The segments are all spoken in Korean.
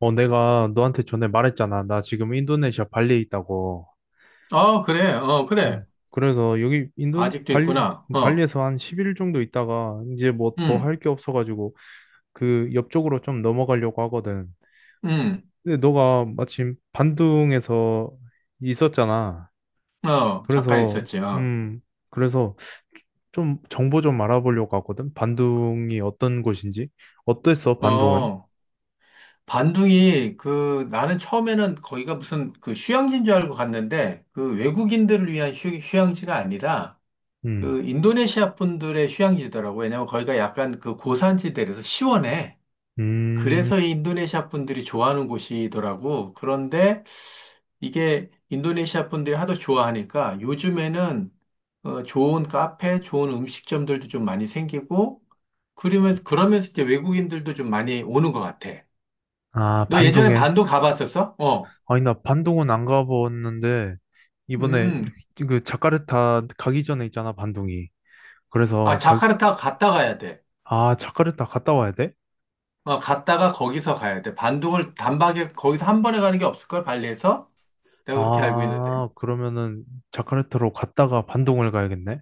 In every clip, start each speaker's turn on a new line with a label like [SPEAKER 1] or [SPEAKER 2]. [SPEAKER 1] 내가 너한테 전에 말했잖아. 나 지금 인도네시아 발리에 있다고.
[SPEAKER 2] 어, 그래, 어, 그래.
[SPEAKER 1] 그래서 여기 인도
[SPEAKER 2] 아직도
[SPEAKER 1] 발리
[SPEAKER 2] 있구나. 어,
[SPEAKER 1] 발리에서 한 10일 정도 있다가 이제 뭐 더
[SPEAKER 2] 음,
[SPEAKER 1] 할 게 없어가지고 그 옆쪽으로 좀 넘어가려고 하거든.
[SPEAKER 2] 음,
[SPEAKER 1] 근데 너가 마침 반둥에서 있었잖아.
[SPEAKER 2] 어, 잠깐
[SPEAKER 1] 그래서
[SPEAKER 2] 있었지. 어,
[SPEAKER 1] 음 그래서 좀 정보 좀 알아보려고 하거든. 반둥이 어떤 곳인지 어땠어? 반둥은?
[SPEAKER 2] 어, 반둥이, 그, 나는 처음에는 거기가 무슨 그 휴양지인 줄 알고 갔는데, 그 외국인들을 위한 휴양지가 아니라,
[SPEAKER 1] 음.
[SPEAKER 2] 그 인도네시아 분들의 휴양지더라고. 왜냐면 거기가 약간 그 고산지대라서 시원해.
[SPEAKER 1] 음.
[SPEAKER 2] 그래서 이 인도네시아 분들이 좋아하는 곳이더라고. 그런데 이게 인도네시아 분들이 하도 좋아하니까 요즘에는 어, 좋은 카페, 좋은 음식점들도 좀 많이 생기고 그러면서 이제 외국인들도 좀 많이 오는 것 같아.
[SPEAKER 1] 아,
[SPEAKER 2] 너 예전에
[SPEAKER 1] 반둥에.
[SPEAKER 2] 반도 가봤었어? 어.
[SPEAKER 1] 아니, 나 반동은 안 가봤는데, 이번에
[SPEAKER 2] 음.
[SPEAKER 1] 그 자카르타 가기 전에 있잖아, 반동이.
[SPEAKER 2] 아,
[SPEAKER 1] 그래서
[SPEAKER 2] 자카르타 갔다 가야 돼.
[SPEAKER 1] 아, 자카르타 갔다 와야 돼?
[SPEAKER 2] 어, 갔다가 거기서 가야 돼. 반도를 단박에 거기서 한 번에 가는 게 없을걸? 발리에서? 내가 그렇게 알고 있는데.
[SPEAKER 1] 아, 그러면은 자카르타로 갔다가 반동을 가야겠네?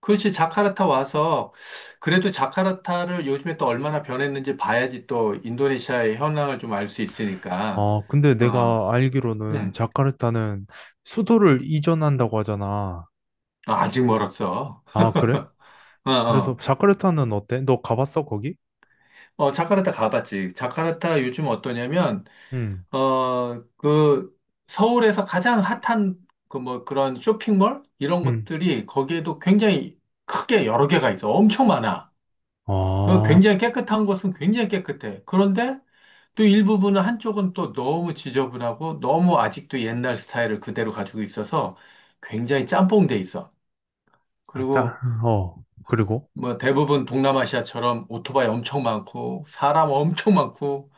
[SPEAKER 2] 그렇지, 자카르타 와서, 그래도 자카르타를 요즘에 또 얼마나 변했는지 봐야지 또 인도네시아의 현황을 좀 알 수 있으니까,
[SPEAKER 1] 아, 근데
[SPEAKER 2] 어,
[SPEAKER 1] 내가 알기로는
[SPEAKER 2] 응.
[SPEAKER 1] 자카르타는 수도를 이전한다고 하잖아.
[SPEAKER 2] 아, 아직 멀었어.
[SPEAKER 1] 아, 그래?
[SPEAKER 2] 어,
[SPEAKER 1] 그래서
[SPEAKER 2] 어.
[SPEAKER 1] 자카르타는 어때? 너 가봤어, 거기?
[SPEAKER 2] 어, 자카르타 가봤지. 자카르타 요즘 어떠냐면,
[SPEAKER 1] 응,
[SPEAKER 2] 어, 그, 서울에서 가장 핫한 그 뭐 그런 쇼핑몰? 이런
[SPEAKER 1] 응.
[SPEAKER 2] 것들이 거기에도 굉장히 크게 여러 개가 있어. 엄청 많아. 그
[SPEAKER 1] 아,
[SPEAKER 2] 굉장히 깨끗한 곳은 굉장히 깨끗해. 그런데 또 일부분은 한쪽은 또 너무 지저분하고 너무 아직도 옛날 스타일을 그대로 가지고 있어서 굉장히 짬뽕돼 있어.
[SPEAKER 1] 자,
[SPEAKER 2] 그리고
[SPEAKER 1] 어, 그리고?
[SPEAKER 2] 뭐 대부분 동남아시아처럼 오토바이 엄청 많고 사람 엄청 많고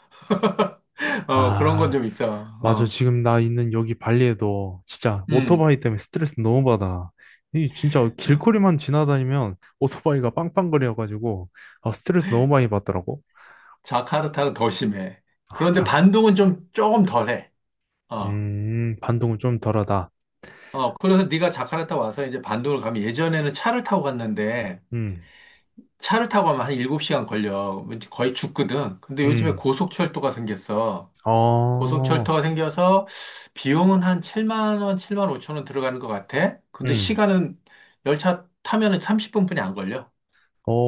[SPEAKER 2] 어 그런 건
[SPEAKER 1] 아,
[SPEAKER 2] 좀 있어.
[SPEAKER 1] 맞아.
[SPEAKER 2] 어.
[SPEAKER 1] 지금 나 있는 여기 발리에도 진짜
[SPEAKER 2] 음.
[SPEAKER 1] 오토바이 때문에 스트레스 너무 받아. 이 진짜
[SPEAKER 2] 어,
[SPEAKER 1] 길거리만 지나다니면 오토바이가 빵빵거려가지고 아, 스트레스 너무 많이 받더라고.
[SPEAKER 2] 자카르타는 더 심해.
[SPEAKER 1] 아,
[SPEAKER 2] 그런데 반둥은 좀 조금 덜해. 어.
[SPEAKER 1] 반동은 좀 덜하다.
[SPEAKER 2] 어. 그래서 네가 자카르타 와서 이제 반둥을 가면 예전에는 차를 타고 갔는데
[SPEAKER 1] 음.
[SPEAKER 2] 차를 타고 가면 한 7시간 걸려. 거의 죽거든. 근데 요즘에
[SPEAKER 1] 음.
[SPEAKER 2] 고속철도가 생겼어.
[SPEAKER 1] 어.
[SPEAKER 2] 고속철도가 생겨서 비용은 한 7만 원, 7만 5천 원 들어가는 것 같아. 근데
[SPEAKER 1] 음.
[SPEAKER 2] 시간은 열차 타면은 30분뿐이 안 걸려.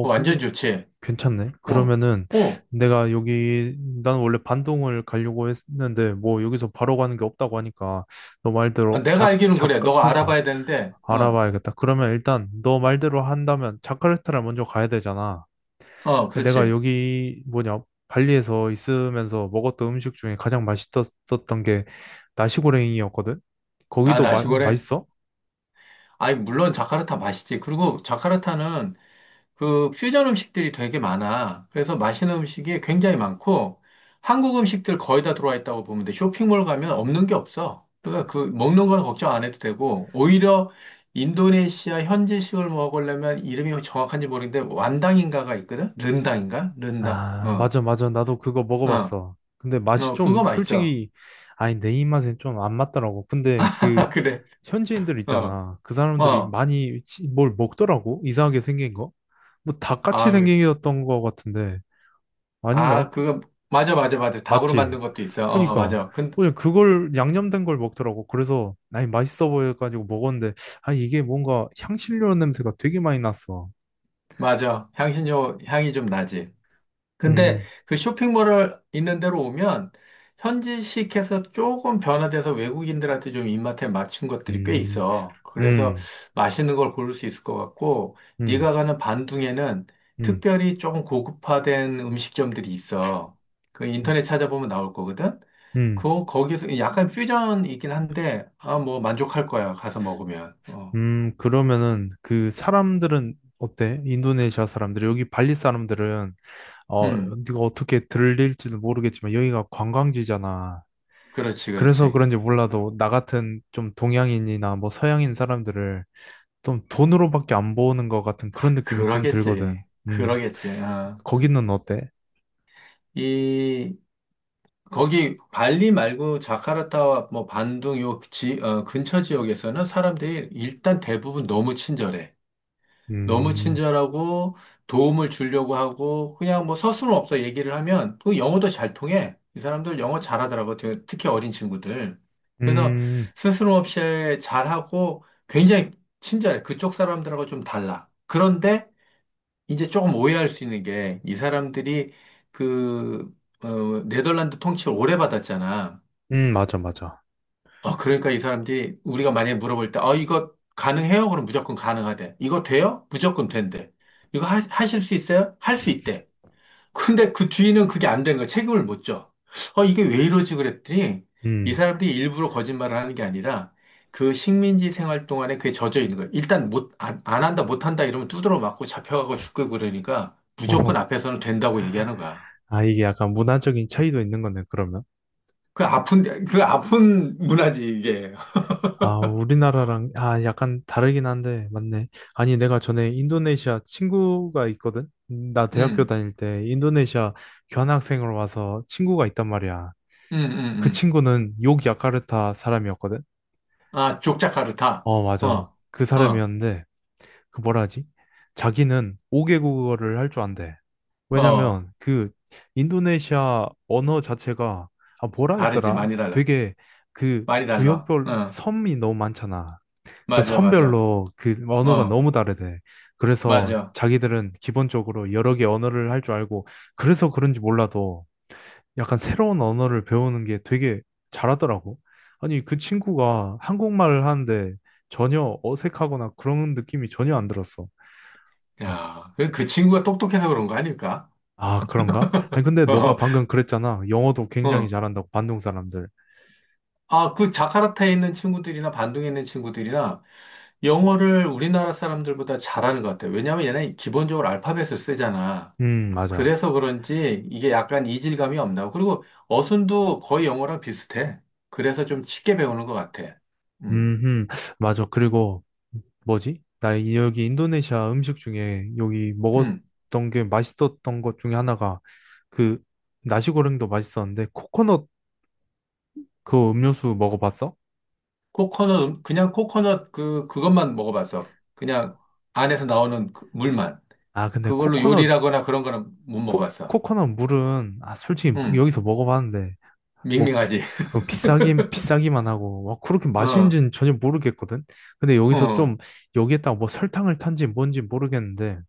[SPEAKER 2] 어,
[SPEAKER 1] 근데
[SPEAKER 2] 완전 좋지.
[SPEAKER 1] 괜찮네.
[SPEAKER 2] 어,
[SPEAKER 1] 그러면은
[SPEAKER 2] 어,
[SPEAKER 1] 내가 여기, 난 원래 반동을 가려고 했는데, 뭐 여기서 바로 가는 게 없다고 하니까, 너
[SPEAKER 2] 아,
[SPEAKER 1] 말대로
[SPEAKER 2] 내가 알기는 그래. 너가
[SPEAKER 1] 그러니까
[SPEAKER 2] 알아봐야 되는데, 어,
[SPEAKER 1] 알아봐야겠다. 그러면 일단 너 말대로 한다면 자카르타를 먼저 가야 되잖아.
[SPEAKER 2] 어,
[SPEAKER 1] 아니, 내가
[SPEAKER 2] 그렇지.
[SPEAKER 1] 여기 뭐냐 발리에서 있으면서 먹었던 음식 중에 가장 맛있었던 게 나시고랭이었거든.
[SPEAKER 2] 아,
[SPEAKER 1] 거기도
[SPEAKER 2] 나시골에.
[SPEAKER 1] 맛있어?
[SPEAKER 2] 아니, 물론 자카르타 맛있지. 그리고 자카르타는 그 퓨전 음식들이 되게 많아. 그래서 맛있는 음식이 굉장히 많고 한국 음식들 거의 다 들어와 있다고 보면 돼. 쇼핑몰 가면 없는 게 없어. 그러니까 그 먹는 거는 걱정 안 해도 되고 오히려 인도네시아 현지식을 먹으려면 이름이 정확한지 모르겠는데 완당인가가 있거든? 른당인가? 른당.
[SPEAKER 1] 아,
[SPEAKER 2] 어.
[SPEAKER 1] 맞아, 맞아. 나도 그거
[SPEAKER 2] 어.
[SPEAKER 1] 먹어봤어. 근데 맛이
[SPEAKER 2] 어,
[SPEAKER 1] 좀
[SPEAKER 2] 그거 맛있어.
[SPEAKER 1] 솔직히 아니 내 입맛에 좀 안 맞더라고. 근데 그
[SPEAKER 2] 그래.
[SPEAKER 1] 현지인들
[SPEAKER 2] 어.
[SPEAKER 1] 있잖아. 그 사람들이
[SPEAKER 2] 어.
[SPEAKER 1] 많이 뭘 먹더라고. 이상하게 생긴 거. 뭐 닭같이
[SPEAKER 2] 아, 그-
[SPEAKER 1] 생겼던 거 같은데
[SPEAKER 2] 아,
[SPEAKER 1] 아닌가?
[SPEAKER 2] 그거 맞아 맞아 맞아. 닭으로
[SPEAKER 1] 맞지?
[SPEAKER 2] 만든 것도 있어. 어,
[SPEAKER 1] 그러니까
[SPEAKER 2] 맞아. 근
[SPEAKER 1] 그냥 그걸 양념된 걸 먹더라고. 그래서 아니 맛있어 보여가지고 먹었는데 아 이게 뭔가 향신료 냄새가 되게 많이 났어.
[SPEAKER 2] 맞아. 향신료 향이 좀 나지. 근데
[SPEAKER 1] 음.
[SPEAKER 2] 그 쇼핑몰을 있는 데로 오면 현지식에서 조금 변화돼서 외국인들한테 좀 입맛에 맞춘 것들이 꽤
[SPEAKER 1] 음.
[SPEAKER 2] 있어. 그래서
[SPEAKER 1] 음.
[SPEAKER 2] 맛있는 걸 고를 수 있을 것 같고,
[SPEAKER 1] 음.
[SPEAKER 2] 네가 가는 반둥에는
[SPEAKER 1] 음.
[SPEAKER 2] 특별히 조금 고급화된 음식점들이 있어. 그 인터넷 찾아보면 나올 거거든.
[SPEAKER 1] 음.
[SPEAKER 2] 그 거기서 약간 퓨전이긴 한데, 아, 뭐 만족할 거야. 가서 먹으면. 어.
[SPEAKER 1] 음. 그러면은 그 사람들은 어때? 인도네시아 사람들, 여기 발리 사람들은
[SPEAKER 2] 음,
[SPEAKER 1] 네가 어떻게 들릴지는 모르겠지만 여기가 관광지잖아.
[SPEAKER 2] 그렇지,
[SPEAKER 1] 그래서
[SPEAKER 2] 그렇지.
[SPEAKER 1] 그런지 몰라도 나 같은 좀 동양인이나 뭐 서양인 사람들을 좀 돈으로밖에 안 보는 것 같은
[SPEAKER 2] 아,
[SPEAKER 1] 그런 느낌이 좀 들거든.
[SPEAKER 2] 그러겠지.
[SPEAKER 1] 음.
[SPEAKER 2] 그러겠지. 어.
[SPEAKER 1] 거기는 어때?
[SPEAKER 2] 이 거기 발리 말고 자카르타와 뭐 반둥 요 지, 어, 근처 지역에서는 사람들이 일단 대부분 너무 친절해. 너무
[SPEAKER 1] 음.
[SPEAKER 2] 친절하고 도움을 주려고 하고 그냥 뭐 서슴없어 얘기를 하면 또 영어도 잘 통해. 이 사람들 영어 잘하더라고. 특히 어린 친구들. 그래서
[SPEAKER 1] 음.
[SPEAKER 2] 스스럼없이 잘하고 굉장히 친절해. 그쪽 사람들하고 좀 달라. 그런데 이제 조금 오해할 수 있는 게 이 사람들이 그 어, 네덜란드 통치를 오래 받았잖아.
[SPEAKER 1] 음. 맞아, 맞아.
[SPEAKER 2] 아, 그러니까 이 사람들이 우리가 만약에 물어볼 때, 어, 이거 가능해요? 그럼 무조건 가능하대. 이거 돼요? 무조건 된대. 이거 하실 수 있어요? 할 수 있대. 근데 그 뒤는 그게 안 된 거야. 책임을 못 져. 어, 이게 왜 이러지? 그랬더니 이
[SPEAKER 1] 음,
[SPEAKER 2] 사람들이 일부러 거짓말을 하는 게 아니라 그 식민지 생활 동안에 그게 젖어 있는 거야. 일단 못, 안 한다, 못 한다 이러면 두드러 맞고 잡혀가고 죽고 그러니까 무조건
[SPEAKER 1] 어,
[SPEAKER 2] 앞에서는 된다고 얘기하는 거야.
[SPEAKER 1] 아, 이게 약간 문화적인 차이도 있는 거네,
[SPEAKER 2] 그 아픈, 그 아픈 문화지, 이게.
[SPEAKER 1] 아, 우리나라랑, 아, 약간 다르긴 한데, 맞네. 아니, 내가 전에 인도네시아 친구가 있거든? 나
[SPEAKER 2] 응
[SPEAKER 1] 대학교 다닐 때 인도네시아 교환학생으로 와서 친구가 있단 말이야.
[SPEAKER 2] 응
[SPEAKER 1] 그
[SPEAKER 2] 응
[SPEAKER 1] 친구는 욕야카르타 사람이었거든?
[SPEAKER 2] 아, 족자카르타.
[SPEAKER 1] 어,
[SPEAKER 2] 어,
[SPEAKER 1] 맞아. 그
[SPEAKER 2] 어,
[SPEAKER 1] 사람이었는데, 그 뭐라 하지? 자기는 5개국어를 할 줄 안대.
[SPEAKER 2] 어.
[SPEAKER 1] 왜냐면, 그 인도네시아 언어 자체가, 아, 뭐라
[SPEAKER 2] 다르지.
[SPEAKER 1] 했더라?
[SPEAKER 2] 많이 달라.
[SPEAKER 1] 되게 그
[SPEAKER 2] 많이 달라.
[SPEAKER 1] 구역별
[SPEAKER 2] 어,
[SPEAKER 1] 섬이 너무 많잖아. 그
[SPEAKER 2] 맞아, 맞아.
[SPEAKER 1] 선별로 그 언어가
[SPEAKER 2] 어,
[SPEAKER 1] 너무 다르대. 그래서
[SPEAKER 2] 맞아.
[SPEAKER 1] 자기들은 기본적으로 여러 개 언어를 할 줄 알고 그래서 그런지 몰라도 약간 새로운 언어를 배우는 게 되게 잘하더라고. 아니, 그 친구가 한국말을 하는데 전혀 어색하거나 그런 느낌이 전혀 안 들었어. 어,
[SPEAKER 2] 야, 그, 그 친구가 똑똑해서 그런 거 아닐까?
[SPEAKER 1] 아, 그런가? 아니, 근데 너가 방금 그랬잖아. 영어도
[SPEAKER 2] 어,
[SPEAKER 1] 굉장히
[SPEAKER 2] 어.
[SPEAKER 1] 잘한다고, 반동 사람들.
[SPEAKER 2] 아, 그 자카르타에 있는 친구들이나 반둥에 있는 친구들이나 영어를 우리나라 사람들보다 잘하는 것 같아요. 왜냐하면 얘는 기본적으로 알파벳을 쓰잖아.
[SPEAKER 1] 맞아.
[SPEAKER 2] 그래서 그런지 이게 약간 이질감이 없나. 그리고 어순도 거의 영어랑 비슷해. 그래서 좀 쉽게 배우는 것 같아. 음,
[SPEAKER 1] 음, 맞아. 그리고 뭐지? 나 여기 인도네시아 음식 중에 여기
[SPEAKER 2] 음.
[SPEAKER 1] 먹었던 게 맛있었던 것 중에 하나가 그 나시고랭도 맛있었는데 코코넛 그 음료수 먹어봤어?
[SPEAKER 2] 코코넛, 그냥 코코넛 그, 그것만 먹어봤어. 그냥 안에서 나오는 그 물만.
[SPEAKER 1] 아, 근데
[SPEAKER 2] 그걸로 요리라거나 그런 거는 못 먹어봤어.
[SPEAKER 1] 코코넛 물은 아, 솔직히
[SPEAKER 2] 응,
[SPEAKER 1] 여기서 먹어봤는데 뭐
[SPEAKER 2] 밍밍하지.
[SPEAKER 1] 비싸긴 비싸기만 하고 와, 그렇게
[SPEAKER 2] 어,
[SPEAKER 1] 맛있는지는 전혀 모르겠거든. 근데 여기서
[SPEAKER 2] 어,
[SPEAKER 1] 좀 여기에다가 뭐 설탕을 탄지 뭔지 모르겠는데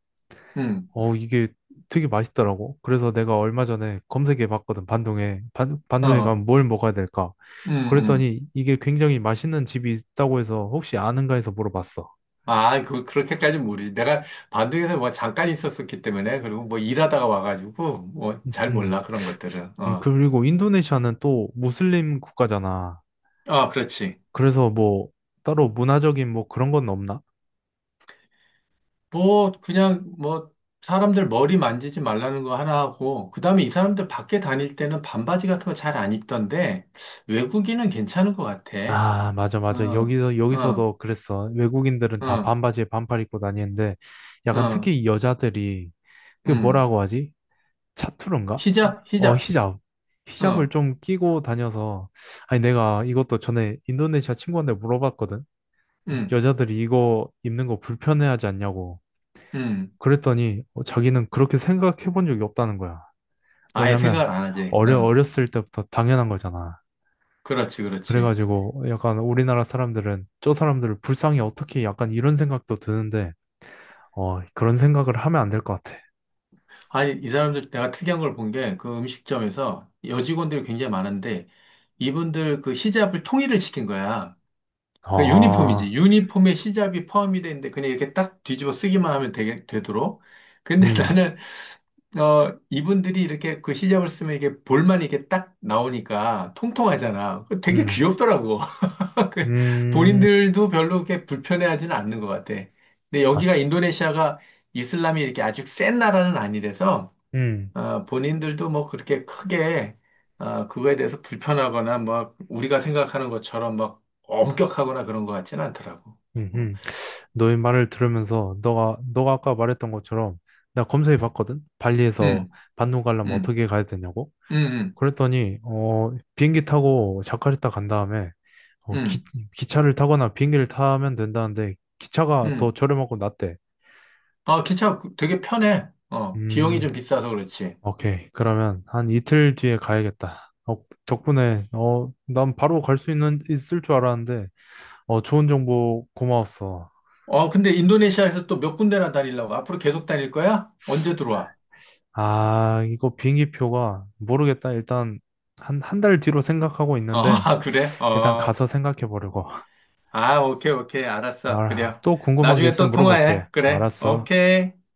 [SPEAKER 2] 응,
[SPEAKER 1] 어, 이게 되게 맛있더라고. 그래서 내가 얼마 전에 검색해 봤거든, 반동에. 반동에
[SPEAKER 2] 어,
[SPEAKER 1] 가면 뭘 먹어야 될까?
[SPEAKER 2] 응, 응.
[SPEAKER 1] 그랬더니 이게 굉장히 맛있는 집이 있다고 해서 혹시 아는가 해서 물어봤어.
[SPEAKER 2] 아, 그, 그렇게까지 모르지. 내가 반둥에서 뭐 잠깐 있었었기 때문에, 그리고 뭐 일하다가 와가지고, 뭐
[SPEAKER 1] 음.
[SPEAKER 2] 잘
[SPEAKER 1] 음.
[SPEAKER 2] 몰라, 그런 것들은. 어,
[SPEAKER 1] 그리고 인도네시아는 또 무슬림 국가잖아.
[SPEAKER 2] 아, 그렇지.
[SPEAKER 1] 그래서 뭐 따로 문화적인 뭐 그런 건 없나?
[SPEAKER 2] 뭐, 그냥 뭐, 사람들 머리 만지지 말라는 거 하나 하고, 그 다음에 이 사람들 밖에 다닐 때는 반바지 같은 거 잘 안 입던데, 외국인은 괜찮은 것 같아.
[SPEAKER 1] 아, 맞아, 맞아.
[SPEAKER 2] 어, 어,
[SPEAKER 1] 여기서도 그랬어. 외국인들은 다
[SPEAKER 2] 어,
[SPEAKER 1] 반바지에 반팔 입고 다니는데 약간
[SPEAKER 2] 어,
[SPEAKER 1] 특히 여자들이 그
[SPEAKER 2] 음.
[SPEAKER 1] 뭐라고 하지? 차투른가?
[SPEAKER 2] 히잡,
[SPEAKER 1] 어,
[SPEAKER 2] 히잡,
[SPEAKER 1] 히잡. 히잡을
[SPEAKER 2] 어,
[SPEAKER 1] 좀 끼고 다녀서, 아니, 내가 이것도 전에 인도네시아 친구한테 물어봤거든.
[SPEAKER 2] 음,
[SPEAKER 1] 여자들이 이거 입는 거 불편해하지 않냐고.
[SPEAKER 2] 음.
[SPEAKER 1] 그랬더니 자기는 그렇게 생각해 본 적이 없다는 거야.
[SPEAKER 2] 아예
[SPEAKER 1] 왜냐면
[SPEAKER 2] 생각을 안 하지. 어,
[SPEAKER 1] 어렸을 때부터 당연한 거잖아.
[SPEAKER 2] 그렇지, 그렇지.
[SPEAKER 1] 그래가지고 약간 우리나라 사람들은 저 사람들을 불쌍히 어떻게 약간 이런 생각도 드는데, 어, 그런 생각을 하면 안 될 것 같아.
[SPEAKER 2] 아니, 이 사람들 내가 특이한 걸 본 게, 그 음식점에서 여직원들이 굉장히 많은데, 이분들 그 히잡을 통일을 시킨 거야. 그
[SPEAKER 1] 아.
[SPEAKER 2] 유니폼이지. 유니폼에 시잡이 포함이 되는데 그냥 이렇게 딱 뒤집어 쓰기만 하면 되게, 되도록. 근데
[SPEAKER 1] 음.
[SPEAKER 2] 나는 어 이분들이 이렇게 그 시잡을 쓰면 이게 볼만 이렇게 딱 나오니까 통통하잖아. 그 되게
[SPEAKER 1] 음.
[SPEAKER 2] 귀엽더라고. 그
[SPEAKER 1] 음.
[SPEAKER 2] 본인들도 별로 그렇게 불편해하지는 않는 것 같아. 근데
[SPEAKER 1] 아.
[SPEAKER 2] 여기가 인도네시아가 이슬람이 이렇게 아주 센 나라는 아니라서
[SPEAKER 1] 음.
[SPEAKER 2] 아, 본인들도 뭐 그렇게 크게 아, 그거에 대해서 불편하거나 막 우리가 생각하는 것처럼 막 엄격하거나 그런 것 같지는 않더라고.
[SPEAKER 1] 음.
[SPEAKER 2] 어,
[SPEAKER 1] 음. 너의 말을 들으면서 너가 아까 말했던 것처럼 나 검색해 봤거든. 발리에서
[SPEAKER 2] 음,
[SPEAKER 1] 반도 가려면
[SPEAKER 2] 음,
[SPEAKER 1] 어떻게 가야 되냐고.
[SPEAKER 2] 음, 음,
[SPEAKER 1] 그랬더니 비행기 타고 자카르타 간 다음에 어, 기,
[SPEAKER 2] 음,
[SPEAKER 1] 기차를 타거나 비행기를 타면 된다는데 기차가 더
[SPEAKER 2] 음.
[SPEAKER 1] 저렴하고 낫대.
[SPEAKER 2] 아, 기차 그 되게 편해. 어, 비용이
[SPEAKER 1] 음,
[SPEAKER 2] 좀 비싸서 그렇지.
[SPEAKER 1] 오케이. 그러면 한 이틀 뒤에 가야겠다. 어, 덕분에 난 바로 갈 수 있는 있을 줄 알았는데 좋은 정보 고마웠어.
[SPEAKER 2] 어, 근데 인도네시아에서 또 몇 군데나 다니려고? 앞으로 계속 다닐 거야? 언제 들어와?
[SPEAKER 1] 아, 이거 비행기표가 모르겠다. 일단 한 달 뒤로 생각하고
[SPEAKER 2] 어,
[SPEAKER 1] 있는데
[SPEAKER 2] 아, 그래?
[SPEAKER 1] 일단
[SPEAKER 2] 어.
[SPEAKER 1] 가서 생각해 보려고.
[SPEAKER 2] 아, 오케이, 오케이. 알았어.
[SPEAKER 1] 아,
[SPEAKER 2] 그래.
[SPEAKER 1] 또 궁금한 게
[SPEAKER 2] 나중에
[SPEAKER 1] 있으면
[SPEAKER 2] 또
[SPEAKER 1] 물어볼게.
[SPEAKER 2] 통화해. 그래.
[SPEAKER 1] 알았어.
[SPEAKER 2] 오케이.